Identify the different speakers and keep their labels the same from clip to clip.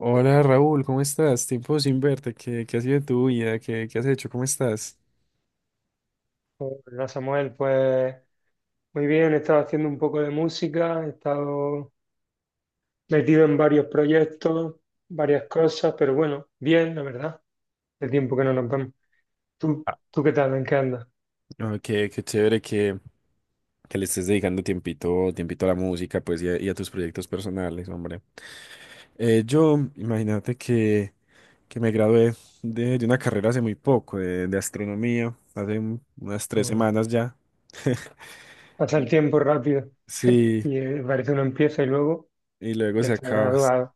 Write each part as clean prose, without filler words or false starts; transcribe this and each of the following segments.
Speaker 1: Hola Raúl, ¿cómo estás? Tiempo sin verte, ¿Qué ha sido de tu vida? ¿Qué has hecho? ¿Cómo estás?
Speaker 2: Pues, hola Samuel, pues muy bien, he estado haciendo un poco de música, he estado metido en varios proyectos, varias cosas, pero bueno, bien, la verdad, el tiempo que no nos vemos. ¿Tú,
Speaker 1: Ah,
Speaker 2: tú qué tal? ¿En qué andas?
Speaker 1: no, qué chévere que le estés dedicando tiempito a la música, pues, y a tus proyectos personales, hombre. Yo, imagínate que me gradué de una carrera hace muy poco, de astronomía, hace unas tres
Speaker 2: Mm.
Speaker 1: semanas ya.
Speaker 2: Pasa el tiempo rápido.
Speaker 1: Sí,
Speaker 2: Y parece uno empieza y luego
Speaker 1: y luego
Speaker 2: ya
Speaker 1: se
Speaker 2: está
Speaker 1: acabas.
Speaker 2: graduado,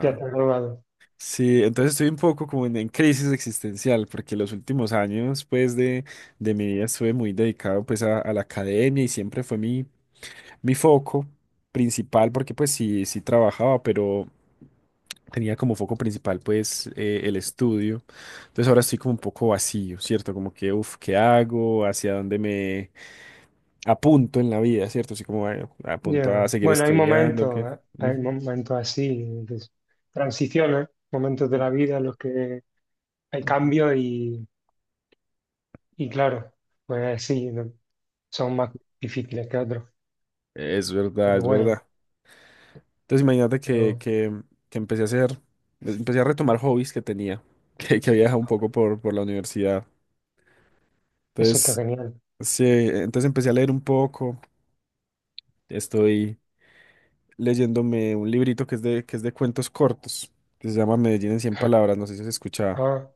Speaker 2: ya está graduado.
Speaker 1: Sí, entonces estoy un poco como en crisis existencial, porque los últimos años, pues, de mi vida estuve muy dedicado, pues, a la academia y siempre fue mi foco principal, porque, pues, sí trabajaba, pero tenía como foco principal, pues, el estudio. Entonces ahora estoy como un poco vacío, ¿cierto? Como que, uff, ¿qué hago? ¿Hacia dónde me apunto en la vida, ¿cierto? Así como, bueno, apunto a
Speaker 2: Ya.
Speaker 1: seguir
Speaker 2: Bueno, hay
Speaker 1: estudiando, que...
Speaker 2: momentos, ¿eh? Hay
Speaker 1: Ujú,
Speaker 2: momentos así, transiciones, momentos de la
Speaker 1: ujú,
Speaker 2: vida en los que hay
Speaker 1: ujú.
Speaker 2: cambios y claro, pues sí, no, son más difíciles que otros,
Speaker 1: Es verdad,
Speaker 2: pero
Speaker 1: es
Speaker 2: bueno,
Speaker 1: verdad. Entonces imagínate que,
Speaker 2: pero
Speaker 1: que, que empecé a hacer, empecé a retomar hobbies que tenía, que había dejado un poco por la universidad.
Speaker 2: eso está
Speaker 1: Entonces,
Speaker 2: genial.
Speaker 1: sí, entonces empecé a leer un poco. Estoy leyéndome un librito que es de cuentos cortos, que se llama Medellín en 100 palabras, no sé si se escuchaba.
Speaker 2: Ah,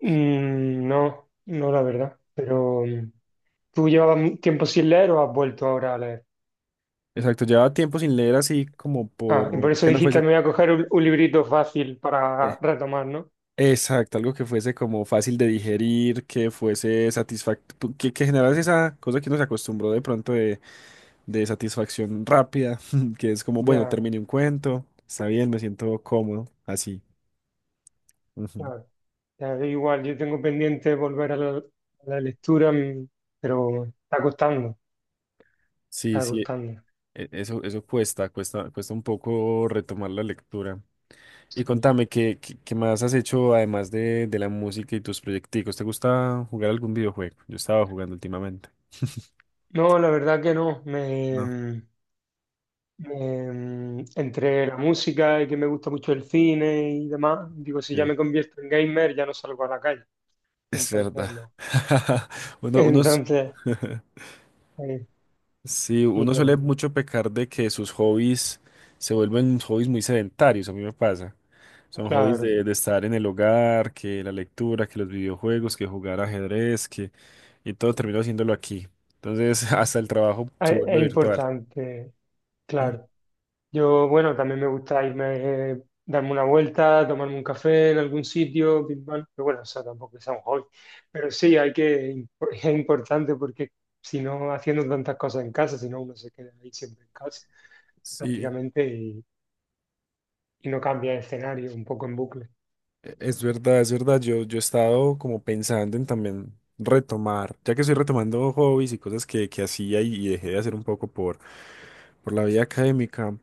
Speaker 2: mm, no, no la verdad, pero ¿tú llevabas tiempo sin leer o has vuelto ahora a leer?
Speaker 1: Exacto, llevaba tiempo sin leer así como
Speaker 2: Ah, y por
Speaker 1: por...
Speaker 2: eso
Speaker 1: que no
Speaker 2: dijiste,
Speaker 1: fuese...
Speaker 2: me voy a coger un librito fácil para
Speaker 1: eh,
Speaker 2: retomar, ¿no?
Speaker 1: exacto, algo que fuese como fácil de digerir, que fuese satisfactorio, que generase esa cosa que nos acostumbró de pronto de satisfacción rápida, que es como, bueno,
Speaker 2: Ya,
Speaker 1: terminé un cuento, está bien, me siento cómodo, así. Ujú.
Speaker 2: claro. Ya, igual, yo tengo pendiente volver a la lectura, pero está costando,
Speaker 1: Sí,
Speaker 2: está
Speaker 1: sí,
Speaker 2: costando.
Speaker 1: e- eso, eso cuesta, cuesta, cuesta un poco retomar la lectura. Y
Speaker 2: Sí.
Speaker 1: contame, ¿qué más has hecho además de la música y tus proyecticos? ¿Te gusta jugar algún videojuego? Yo estaba jugando últimamente.
Speaker 2: No, la verdad que no.
Speaker 1: No.
Speaker 2: Entre la música y que me gusta mucho el cine y demás, digo, si ya me convierto en gamer, ya no salgo a la calle.
Speaker 1: Es
Speaker 2: Entonces,
Speaker 1: verdad.
Speaker 2: no.
Speaker 1: Uno, unos,
Speaker 2: Entonces, eh,
Speaker 1: sí,
Speaker 2: y
Speaker 1: uno suele
Speaker 2: no,
Speaker 1: mucho pecar de que sus hobbies se vuelven hobbies muy sedentarios, a mí me pasa. Son hobbies
Speaker 2: claro.
Speaker 1: de estar en el hogar, que la lectura, que los videojuegos, que jugar ajedrez, que... Y todo termino haciéndolo aquí. Entonces, hasta el trabajo se
Speaker 2: Es
Speaker 1: vuelve virtual.
Speaker 2: importante,
Speaker 1: Ujú.
Speaker 2: claro. Yo, bueno, también me gusta irme, darme una vuelta, tomarme un café en algún sitio, que, bueno, pero bueno, eso tampoco es un hobby. Pero sí, hay que, es importante porque si no, haciendo tantas cosas en casa, si no, uno se queda ahí siempre en casa,
Speaker 1: Sí,
Speaker 2: prácticamente, y no cambia de escenario, un poco en bucle.
Speaker 1: e- es verdad, es verdad. Yo he estado como pensando en también retomar, ya que estoy retomando hobbies y cosas que hacía y dejé de hacer un poco por la vía académica.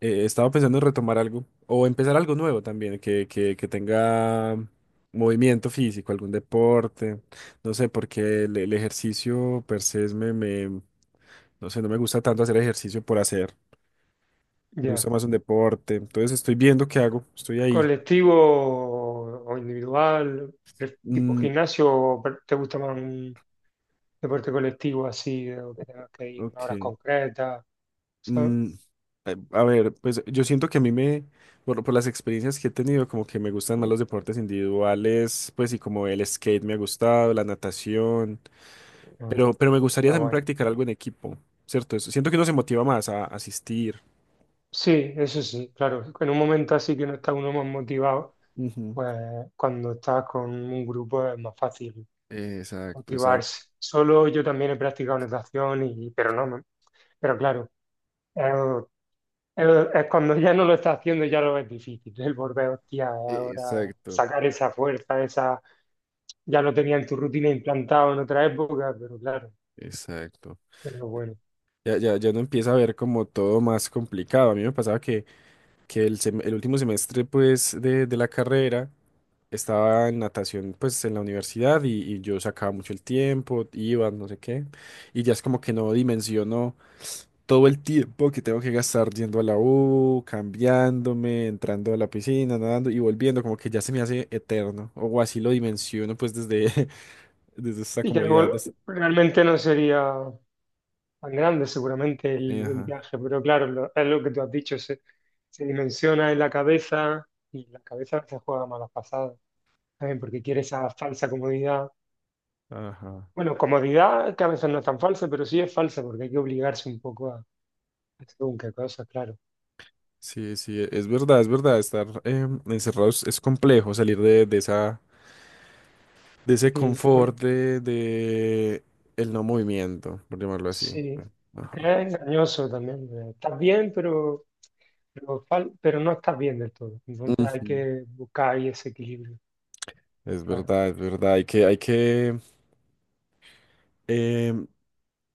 Speaker 1: Estaba pensando en retomar algo o empezar algo nuevo también, que tenga movimiento físico, algún deporte. No sé, porque el ejercicio per se no sé, no me gusta tanto hacer ejercicio por hacer. Me gusta
Speaker 2: Ya.
Speaker 1: más un deporte. Entonces estoy viendo qué hago. Estoy ahí.
Speaker 2: Colectivo o individual, tipo
Speaker 1: Mm,
Speaker 2: gimnasio, o ¿te gusta más un deporte colectivo así, o que tengas que ir en horas
Speaker 1: ok.
Speaker 2: concretas, sabes?
Speaker 1: Mm, a a ver, pues yo siento que por las experiencias que he tenido, como que me gustan más los deportes individuales, pues y como el skate me ha gustado, la natación.
Speaker 2: Mm.
Speaker 1: Pero me gustaría
Speaker 2: Está
Speaker 1: también
Speaker 2: guay.
Speaker 1: practicar algo en equipo, ¿cierto? Eso... Siento que uno se motiva más a asistir.
Speaker 2: Sí, eso sí, claro, en un momento así que no está uno más motivado,
Speaker 1: Ujú.
Speaker 2: pues cuando estás con un grupo es más fácil
Speaker 1: Exacto, exacto,
Speaker 2: motivarse. Solo, yo también he practicado natación, y, pero no, no. Pero claro, el- es cuando ya no lo estás haciendo ya lo ves difícil, el volver, hostia, ahora
Speaker 1: exacto,
Speaker 2: sacar esa fuerza, esa, ya lo tenía en tu rutina implantado en otra época, pero claro,
Speaker 1: exacto.
Speaker 2: pero bueno.
Speaker 1: Ya no empieza a ver como todo más complicado. A mí me pasaba que el, el último semestre, pues, de la carrera, estaba en natación, pues, en la universidad y yo sacaba mucho el tiempo, iba, no sé qué, y ya es como que no dimensiono todo el tiempo que tengo que gastar yendo a la U, cambiándome, entrando a la piscina, nadando y volviendo, como que ya se me hace eterno, o así lo dimensiono pues desde, desde esta
Speaker 2: Y que
Speaker 1: comodidad. De
Speaker 2: luego
Speaker 1: esta...
Speaker 2: realmente no sería tan grande seguramente el
Speaker 1: ajá,
Speaker 2: viaje, pero claro, es lo que tú has dicho, se dimensiona en la cabeza y la cabeza se juega malas pasadas. ¿Saben? Porque quiere esa falsa comodidad.
Speaker 1: ajá.
Speaker 2: Bueno, comodidad que a veces no es tan falsa, pero sí es falsa porque hay que obligarse un poco a hacer un que cosa, claro.
Speaker 1: Sí, es verdad, es verdad, estar encerrados es complejo, salir de esa, de ese
Speaker 2: Sí,
Speaker 1: confort de el no movimiento, por llamarlo así.
Speaker 2: sí, porque
Speaker 1: Ajá.
Speaker 2: es engañoso también. Estás bien, pero, pero no estás bien del todo. Entonces hay
Speaker 1: Ujú.
Speaker 2: que buscar ahí ese equilibrio, claro.
Speaker 1: Es verdad, hay que em,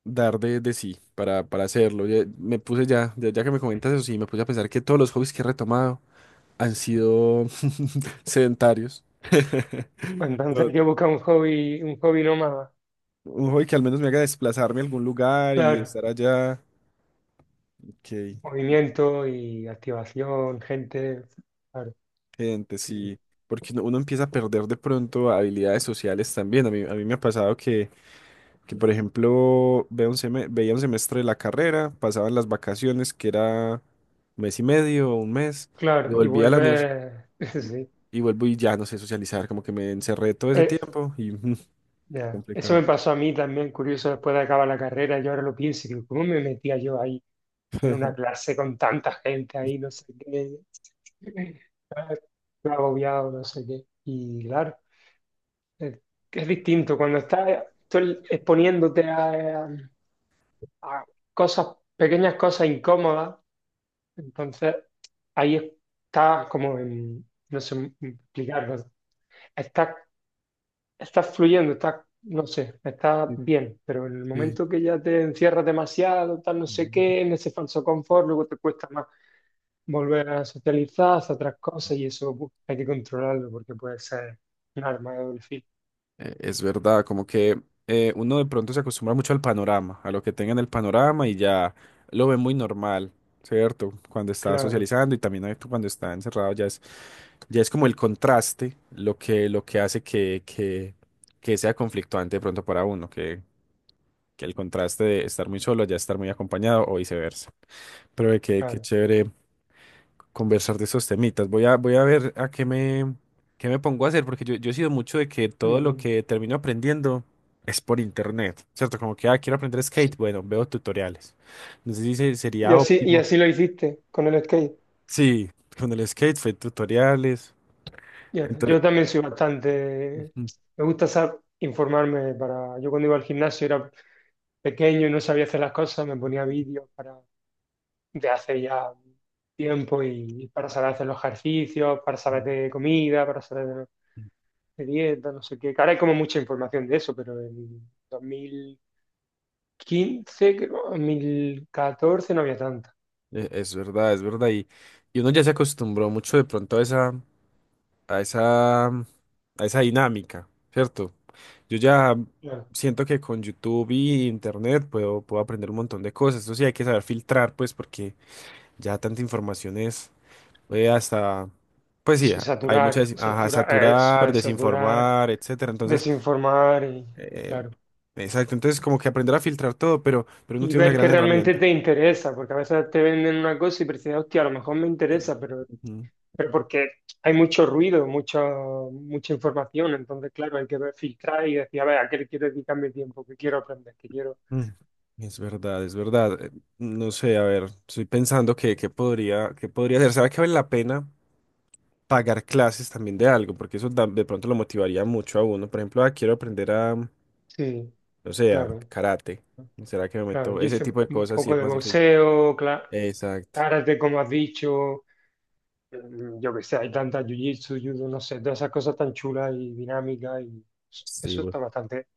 Speaker 1: dar de sí para hacerlo. Ya, me puse ya que me comentas eso, sí, me puse a pensar que todos los hobbies que he retomado han sido sedentarios.
Speaker 2: Bueno, entonces
Speaker 1: No,
Speaker 2: hay que buscar un hobby nómada,
Speaker 1: un hobby que al menos me haga desplazarme a algún lugar y
Speaker 2: claro.
Speaker 1: estar allá. Ok,
Speaker 2: Movimiento y activación, gente, claro,
Speaker 1: gente,
Speaker 2: sí,
Speaker 1: sí. Porque uno empieza a perder de pronto habilidades sociales también. A mí me ha pasado que por ejemplo, veo un veía un semestre de la carrera, pasaban las vacaciones, que era un mes y medio o un mes, y
Speaker 2: claro. Y
Speaker 1: volvía a la universidad
Speaker 2: vuelve,
Speaker 1: y,
Speaker 2: sí.
Speaker 1: y vuelvo y ya no sé socializar, como que me encerré todo ese
Speaker 2: Eh,
Speaker 1: tiempo y
Speaker 2: ya. Eso me
Speaker 1: complicado.
Speaker 2: pasó a mí también, curioso, después de acabar la carrera, yo ahora lo pienso, y digo, ¿cómo me metía yo ahí en una clase con tanta gente ahí, no sé qué? Estaba agobiado, no sé qué. Y claro, es, es distinto cuando estás tú exponiéndote a cosas, pequeñas cosas incómodas, entonces ahí estás como en, no sé explicarlo, estás está fluyendo, está, no sé, está
Speaker 1: Sí,
Speaker 2: bien, pero en el
Speaker 1: sí.
Speaker 2: momento que ya te encierras demasiado, tal, no sé
Speaker 1: Mm.
Speaker 2: qué, en ese falso confort, luego te cuesta más volver a socializar, hacer otras cosas y eso pues, hay que controlarlo porque puede ser un arma de doble filo.
Speaker 1: Es verdad, como que uno de pronto se acostumbra mucho al panorama, a lo que tenga en el panorama y ya lo ve muy normal, ¿cierto? Cuando está
Speaker 2: Claro,
Speaker 1: socializando y también cuando está encerrado ya es como el contraste lo que hace que sea conflictuante de pronto para uno, que el contraste de estar muy solo ya estar muy acompañado o viceversa. Pero qué
Speaker 2: claro.
Speaker 1: chévere conversar de esos temitas. Voy a ver a qué me pongo a hacer, porque yo he sido mucho de que todo
Speaker 2: El
Speaker 1: lo
Speaker 2: boom.
Speaker 1: que termino aprendiendo es por internet, ¿cierto? Como que, ah, quiero aprender skate, bueno, veo tutoriales. No sé si sería
Speaker 2: Y
Speaker 1: óptimo.
Speaker 2: así lo hiciste con el skate.
Speaker 1: Sí, con el skate fue tutoriales.
Speaker 2: Ya,
Speaker 1: Entonces,
Speaker 2: yo también soy bastante,
Speaker 1: ujú,
Speaker 2: me gusta informarme para, yo cuando iba al gimnasio era pequeño y no sabía hacer las cosas, me ponía vídeos para de hace ya tiempo y para saber hacer los ejercicios, para saber de comida, para saber de dieta, no sé qué. Que ahora hay como mucha información de eso, pero en 2015, creo, 2014 no había tanta.
Speaker 1: es verdad, es verdad. Y uno ya se acostumbró mucho de pronto a esa. A esa, a esa dinámica, ¿cierto? Yo ya
Speaker 2: Bueno,
Speaker 1: siento que con YouTube y Internet puedo, puedo aprender un montón de cosas. Eso sí, hay que saber filtrar, pues, porque ya tanta información es hasta, pues sí,
Speaker 2: sí,
Speaker 1: hay mucha,
Speaker 2: saturar,
Speaker 1: ajá,
Speaker 2: saturar, es,
Speaker 1: saturar,
Speaker 2: pues saturar,
Speaker 1: desinformar, etcétera. Entonces,
Speaker 2: desinformar y,
Speaker 1: eh,
Speaker 2: claro.
Speaker 1: exacto. Entonces, como que aprender a filtrar todo, pero uno
Speaker 2: Y
Speaker 1: tiene una
Speaker 2: ver
Speaker 1: gran
Speaker 2: que realmente
Speaker 1: herramienta.
Speaker 2: te interesa, porque a veces te venden una cosa y prefieres, hostia, a lo mejor me interesa,
Speaker 1: Ujú.
Speaker 2: pero porque hay mucho ruido, mucha, mucha información, entonces, claro, hay que filtrar y decir, a ver, ¿a qué le quiero dedicar mi tiempo? ¿Qué quiero aprender? ¿Qué quiero?
Speaker 1: Mm, es verdad, es verdad. No sé, a ver, estoy pensando que podría, que podría hacer. ¿Será que vale la pena pagar clases también de algo, porque eso de pronto lo motivaría mucho a uno? Por ejemplo, ah, quiero aprender a, no
Speaker 2: Sí,
Speaker 1: sé, a
Speaker 2: claro,
Speaker 1: karate. ¿Será que me
Speaker 2: claro.
Speaker 1: meto?
Speaker 2: Yo
Speaker 1: Ese
Speaker 2: hice
Speaker 1: tipo de
Speaker 2: un
Speaker 1: cosas sí
Speaker 2: poco
Speaker 1: es
Speaker 2: de
Speaker 1: más difícil.
Speaker 2: boxeo, claro,
Speaker 1: Exacto.
Speaker 2: karate, como has dicho, mm, yo qué sé, hay tantas jiu-jitsu, judo, no sé, todas esas cosas tan chulas y dinámicas, y
Speaker 1: Sí,
Speaker 2: eso
Speaker 1: voy,
Speaker 2: está bastante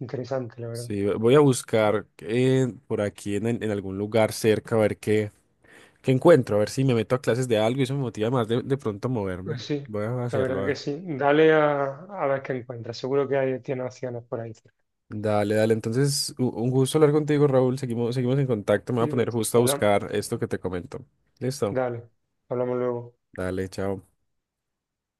Speaker 2: interesante, la verdad.
Speaker 1: sí, voy a buscar por aquí en, en algún lugar cerca a ver qué, qué encuentro, a ver si me meto a clases de algo y eso me motiva más de pronto a moverme.
Speaker 2: Pues sí,
Speaker 1: Voy a
Speaker 2: la verdad
Speaker 1: hacerlo.
Speaker 2: que sí. Dale a ver qué encuentras. Seguro que hay, tiene opciones por ahí cerca.
Speaker 1: Dale, dale. Entonces, un gusto hablar contigo, Raúl. Seguimos en contacto. Me voy a
Speaker 2: Y, pues,
Speaker 1: poner justo a
Speaker 2: habla-
Speaker 1: buscar esto que te comento. Listo.
Speaker 2: dale, hablamos luego.
Speaker 1: Dale, chao.